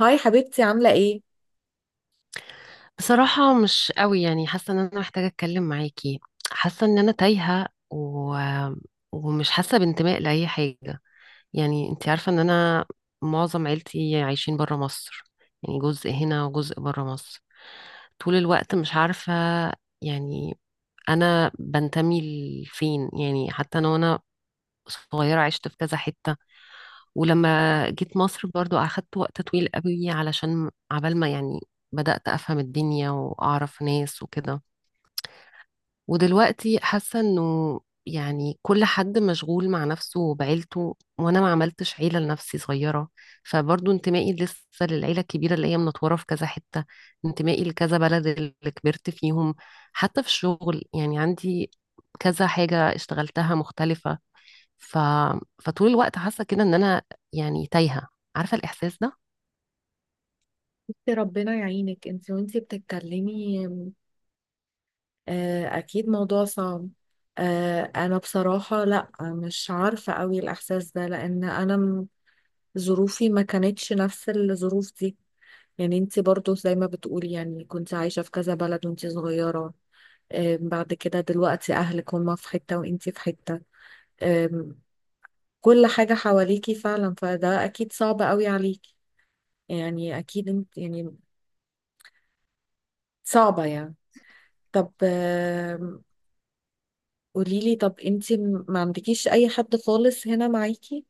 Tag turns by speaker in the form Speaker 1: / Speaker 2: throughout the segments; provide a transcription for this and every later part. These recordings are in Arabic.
Speaker 1: هاي حبيبتي، عاملة ايه؟
Speaker 2: بصراحة، مش قوي، يعني حاسة ان انا محتاجة اتكلم معاكي. حاسة ان انا تايهة. ومش حاسة بانتماء لأي حاجة. يعني انتي عارفة ان انا معظم عيلتي عايشين برا مصر، يعني جزء هنا وجزء برا مصر. طول الوقت مش عارفة يعني انا بنتمي لفين، يعني حتى انا وانا صغيرة عشت في كذا حتة. ولما جيت مصر برضو أخدت وقت طويل قوي علشان عبال ما يعني بدأت أفهم الدنيا وأعرف ناس وكده. ودلوقتي حاسة إنه يعني كل حد مشغول مع نفسه وبعيلته، وأنا ما عملتش عيلة لنفسي صغيرة. فبرضو انتمائي لسه للعيلة الكبيرة اللي هي منطورة في كذا حتة، انتمائي لكذا بلد اللي كبرت فيهم. حتى في الشغل يعني عندي كذا حاجة اشتغلتها مختلفة. ف... فطول الوقت حاسه كده ان انا يعني تايهه، عارفه الاحساس ده.
Speaker 1: بصي ربنا يعينك انتي وانتي بتتكلمي. اكيد موضوع صعب. انا بصراحة لا مش عارفة قوي الاحساس ده لان ظروفي ما كانتش نفس الظروف دي. يعني انتي برضو زي ما بتقولي، يعني كنت عايشة في كذا بلد وانتي صغيرة. بعد كده دلوقتي اهلك هما في حتة وانتي في حتة، آه، كل حاجة حواليكي فعلا، فده اكيد صعب قوي عليكي. يعني اكيد انت يعني صعبة يعني. طب قوليلي، طب انتي ما عندكيش اي حد خالص هنا معاكي؟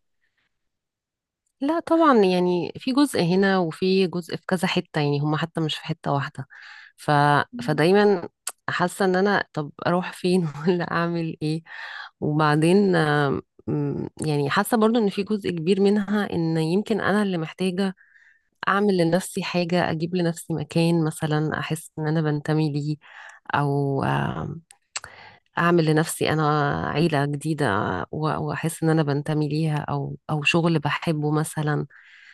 Speaker 2: لا طبعا، يعني في جزء هنا وفي جزء في كذا حته، يعني هم حتى مش في حته واحده. ف... فدايما حاسه ان انا طب اروح فين ولا اعمل ايه. وبعدين آم، م، يعني حاسه برضو ان في جزء كبير منها ان يمكن انا اللي محتاجه اعمل لنفسي حاجه، اجيب لنفسي مكان مثلا احس ان انا بنتمي ليه، او اعمل لنفسي انا عيله جديده واحس ان انا بنتمي ليها، او شغل بحبه مثلا.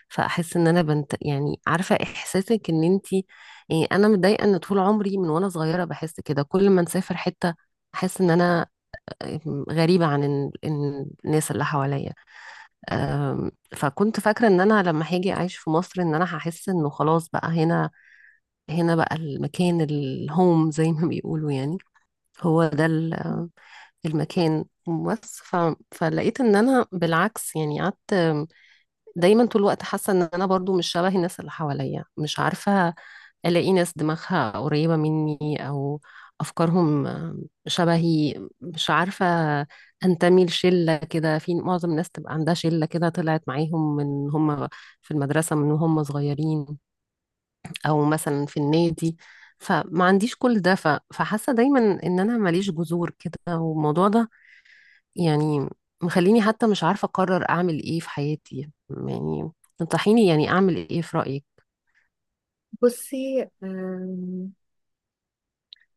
Speaker 2: فاحس ان انا بنت يعني عارفه احساسك ان انتي إيه. انا متضايقه ان طول عمري من وانا صغيره بحس كده، كل ما نسافر حته احس ان انا غريبه عن الناس اللي حواليا. فكنت فاكره ان انا لما هاجي اعيش في مصر ان انا هحس انه خلاص بقى هنا، هنا بقى المكان الهوم زي ما بيقولوا، يعني هو ده المكان. بس فلقيت ان انا بالعكس، يعني قعدت دايما طول الوقت حاسه ان انا برضو مش شبه الناس اللي حواليا. مش عارفه الاقي ناس دماغها قريبه مني او افكارهم شبهي. مش عارفه انتمي لشله كده، في معظم الناس تبقى عندها شله كده طلعت معاهم من هم في المدرسه، من هم صغيرين، او مثلا في النادي. فما عنديش كل ده، فحاسه دايما ان انا ماليش جذور كده. والموضوع ده يعني مخليني حتى مش عارفة أقرر أعمل إيه في حياتي. يعني تنصحيني يعني أعمل إيه في رأيك؟
Speaker 1: بصي،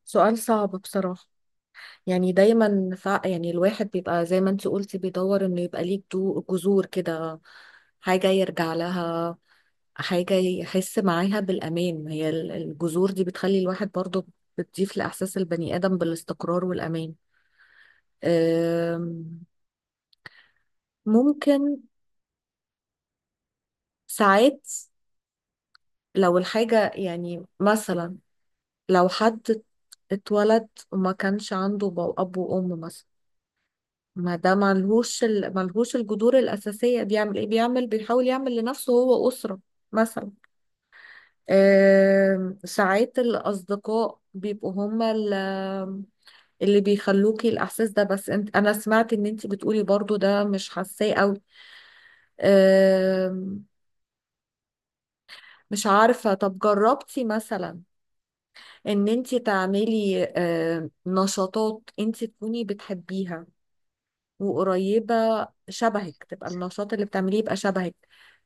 Speaker 1: سؤال صعب بصراحة. يعني دايما يعني الواحد بيبقى زي ما انتي قلتي بيدور انه يبقى ليه جذور كده، حاجة يرجع لها، حاجة يحس معاها بالأمان. هي الجذور دي بتخلي الواحد برضه، بتضيف لإحساس البني آدم بالاستقرار والأمان. أم، ممكن ساعات لو الحاجة يعني مثلا، لو حد اتولد وما كانش عنده أب وأم مثلا، ما ده ملهوش ملهوش الجذور الأساسية، بيعمل إيه؟ بيعمل، بيحاول يعمل لنفسه هو أسرة مثلا. ساعات الأصدقاء بيبقوا هما اللي بيخلوكي الإحساس ده، بس انت، أنا سمعت إن أنت بتقولي برضو ده مش حاساه أوي. آم، مش عارفة، طب جربتي مثلا ان انت تعملي نشاطات انت تكوني بتحبيها وقريبة شبهك، تبقى النشاط اللي بتعمليه يبقى شبهك،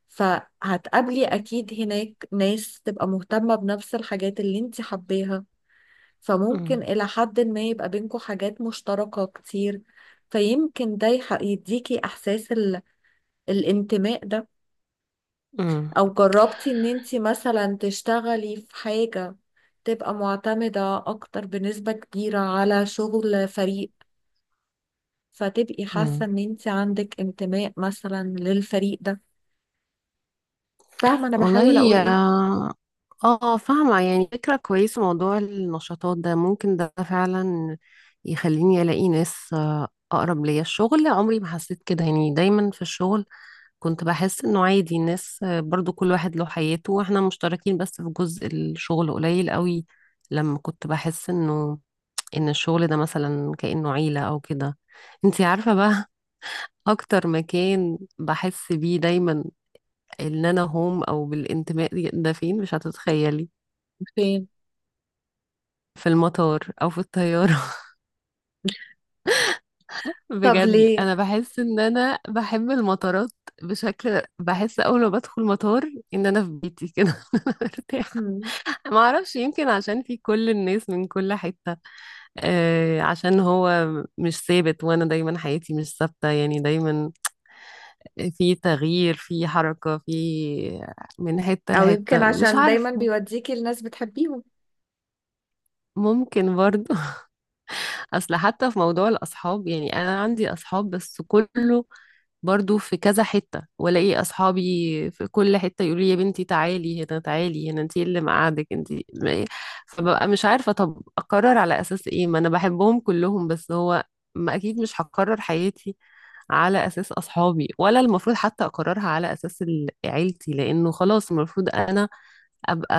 Speaker 1: فهتقابلي اكيد هناك ناس تبقى مهتمة بنفس الحاجات اللي انت حباها،
Speaker 2: مم.
Speaker 1: فممكن الى حد ما يبقى بينكم حاجات مشتركة كتير. فيمكن ده يديكي احساس الانتماء ده.
Speaker 2: مم.
Speaker 1: او جربتي ان انت مثلا تشتغلي في حاجة تبقى معتمدة أكتر بنسبة كبيرة على شغل فريق، فتبقي حاسة
Speaker 2: مم.
Speaker 1: إن أنت عندك انتماء مثلا للفريق ده. فاهمة أنا
Speaker 2: والله
Speaker 1: بحاول أقول
Speaker 2: هي
Speaker 1: إيه؟
Speaker 2: اه، فاهمة. يعني فكرة كويسة موضوع النشاطات ده، ممكن ده فعلا يخليني ألاقي ناس أقرب ليا. الشغل عمري ما حسيت كده، يعني دايما في الشغل كنت بحس إنه عادي، الناس برضو كل واحد له حياته وإحنا مشتركين بس في جزء الشغل قليل قوي. لما كنت بحس إنه ان الشغل ده مثلا كأنه عيلة او كده. انتي عارفة بقى اكتر مكان بحس بيه دايما ان انا هوم او بالانتماء، ده فين؟ مش هتتخيلي.
Speaker 1: فين؟
Speaker 2: في المطار او في الطيارة
Speaker 1: طب
Speaker 2: بجد
Speaker 1: ليه؟
Speaker 2: انا بحس ان انا بحب المطارات. بشكل بحس اول ما بدخل مطار ان انا في بيتي كده أنا مرتاحة.
Speaker 1: مم.
Speaker 2: ما اعرفش، يمكن عشان في كل الناس من كل حتة. آه، عشان هو مش ثابت، وانا دايما حياتي مش ثابتة، يعني دايما في تغيير، في حركة، في من حتة
Speaker 1: أو يمكن
Speaker 2: لحتة، مش
Speaker 1: عشان دايما
Speaker 2: عارفة.
Speaker 1: بيوديكي لناس بتحبيهم.
Speaker 2: ممكن برضو أصل حتى في موضوع الأصحاب، يعني أنا عندي أصحاب بس كله برضو في كذا حتة، والاقي اصحابي في كل حتة يقولوا لي يا بنتي تعالي هنا تعالي هنا انتي اللي مقعدك انتي فببقى مش عارفة طب اقرر على اساس ايه، ما انا بحبهم كلهم. بس هو ما اكيد مش هقرر حياتي على أساس أصحابي، ولا المفروض حتى أقررها على أساس عيلتي، لأنه خلاص المفروض أنا أبقى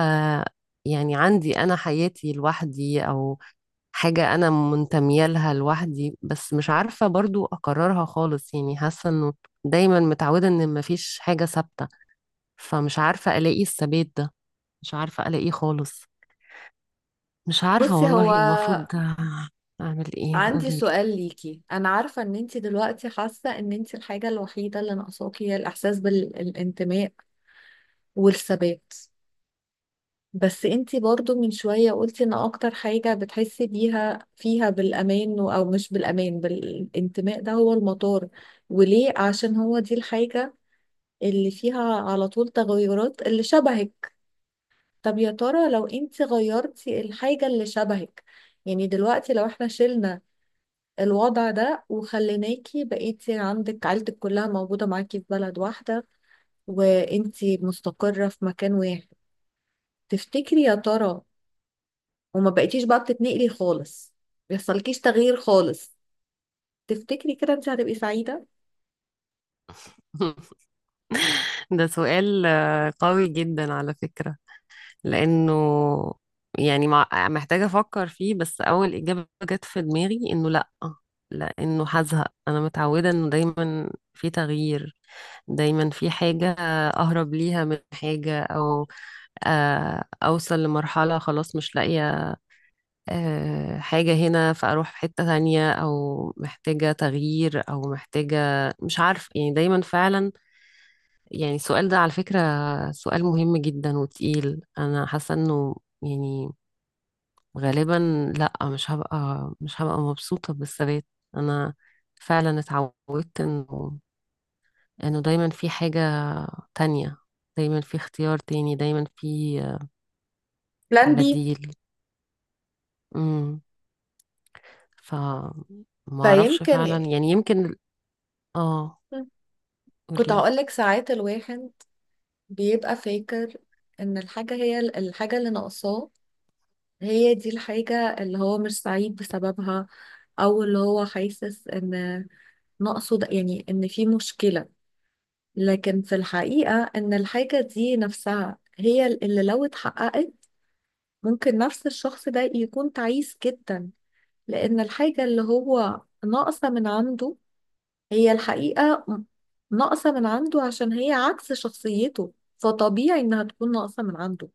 Speaker 2: يعني عندي أنا حياتي لوحدي، أو حاجة أنا منتمية لها لوحدي. بس مش عارفة برضو أقررها خالص، يعني حاسة إنه دايما متعودة إن مفيش حاجة ثابتة. فمش عارفة ألاقي الثبات ده، مش عارفة ألاقيه خالص. مش عارفة
Speaker 1: بصي هو
Speaker 2: والله المفروض أعمل إيه،
Speaker 1: عندي
Speaker 2: قوليلي؟
Speaker 1: سؤال ليكي، أنا عارفة إن أنت دلوقتي حاسة إن أنت الحاجة الوحيدة اللي ناقصاكي هي الإحساس بالانتماء والثبات، بس انتي برضو من شوية قلتي ان اكتر حاجة بتحسي بيها فيها بالامان او مش بالامان، بالانتماء ده هو المطار، وليه؟ عشان هو دي الحاجة اللي فيها على طول تغيرات اللي شبهك. طب يا ترى لو انتي غيرتي الحاجة اللي شبهك، يعني دلوقتي لو احنا شلنا الوضع ده وخليناكي بقيتي عندك عيلتك كلها موجودة معاكي في بلد واحدة، وانتي مستقرة في مكان واحد، تفتكري يا ترى، وما بقيتيش بقى بتتنقلي خالص، بيحصلكيش تغيير خالص، تفتكري كده انت هتبقي سعيدة؟
Speaker 2: ده سؤال قوي جدا على فكرة. لانه يعني محتاجة افكر فيه. بس اول اجابة جت في دماغي انه لا، لانه هزهق. انا متعودة انه دايما في تغيير، دايما في حاجة اهرب ليها من حاجة، او اوصل لمرحلة خلاص مش لاقية حاجة هنا فاروح في حتة تانية، او محتاجة تغيير، او محتاجة مش عارف يعني. دايما فعلا يعني السؤال ده على فكرة سؤال مهم جدا وتقيل. انا حاسة انه يعني غالبا لا، مش هبقى مبسوطة بالثبات. انا فعلا اتعودت انه دايما في حاجة تانية، دايما في اختيار تاني، دايما في
Speaker 1: بلان بي؟
Speaker 2: بديل. امم ف ما اعرفش
Speaker 1: فيمكن،
Speaker 2: فعلا، يعني يمكن. اه،
Speaker 1: كنت
Speaker 2: قوليلي.
Speaker 1: هقولك ساعات الواحد بيبقى فاكر ان الحاجة هي الحاجة اللي ناقصاه، هي دي الحاجة اللي هو مش سعيد بسببها، او اللي هو حاسس ان ناقصه، ده يعني ان في مشكلة. لكن في الحقيقة ان الحاجة دي نفسها هي اللي لو اتحققت ممكن نفس الشخص ده يكون تعيس جدا، لأن الحاجة اللي هو ناقصة من عنده هي الحقيقة ناقصة من عنده عشان هي عكس شخصيته، فطبيعي إنها تكون ناقصة من عنده.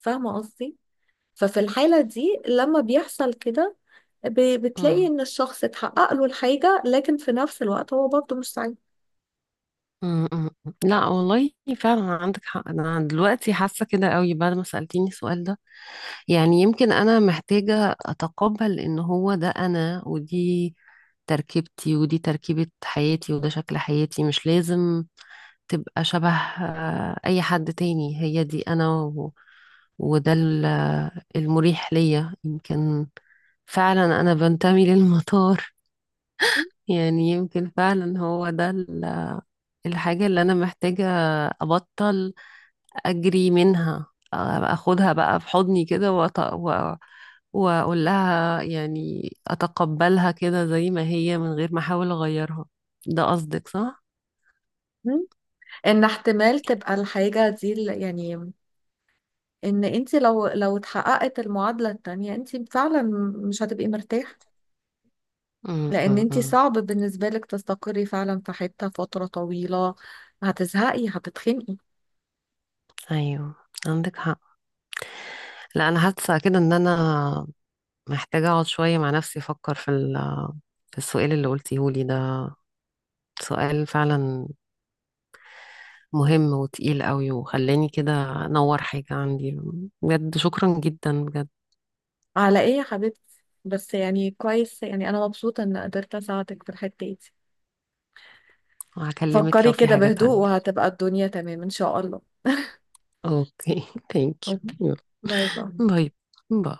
Speaker 1: فاهمة قصدي؟ ففي الحالة دي لما بيحصل كده، بتلاقي
Speaker 2: امم،
Speaker 1: إن الشخص اتحقق له الحاجة لكن في نفس الوقت هو برضه مش سعيد.
Speaker 2: أمم، أمم. لا والله، فعلا عندك حق. انا دلوقتي حاسة كده قوي بعد ما سألتيني السؤال ده. يعني يمكن أنا محتاجة أتقبل إن هو ده أنا، ودي تركيبتي، ودي تركيبة حياتي، وده شكل حياتي. مش لازم تبقى شبه أي حد تاني. هي دي أنا. وده المريح ليا يمكن. فعلا أنا بنتمي للمطار يعني يمكن فعلا هو ده الحاجة اللي أنا محتاجة أبطل اجري منها. آه، اخدها بقى في حضني كده واقول لها يعني اتقبلها كده زي ما هي من غير ما احاول اغيرها. ده قصدك صح؟
Speaker 1: مم. ان احتمال تبقى الحاجة دي يعني ان انت لو اتحققت المعادلة التانية انت فعلا مش هتبقي مرتاحة،
Speaker 2: أم،
Speaker 1: لان
Speaker 2: أم،
Speaker 1: انت
Speaker 2: أم.
Speaker 1: صعب بالنسبة لك تستقري فعلا في حتة فترة طويلة، هتزهقي، هتتخنقي.
Speaker 2: ايوه، عندك حق. لا، انا حاسه كده ان انا محتاجه اقعد شويه مع نفسي، افكر في في السؤال اللي قلتيه لي ده. سؤال فعلا مهم وتقيل قوي، وخلاني كده انور حاجه عندي. بجد شكرا جدا، بجد.
Speaker 1: على ايه يا حبيبتي؟ بس يعني كويس، يعني انا مبسوطة ان قدرت اساعدك في الحتة دي.
Speaker 2: هكلمك
Speaker 1: فكري
Speaker 2: لو في
Speaker 1: كده
Speaker 2: حاجه
Speaker 1: بهدوء
Speaker 2: تانية.
Speaker 1: وهتبقى الدنيا تمام ان شاء الله.
Speaker 2: اوكي، ثانك
Speaker 1: اوكي،
Speaker 2: يو. يلا،
Speaker 1: باي باي.
Speaker 2: باي باي.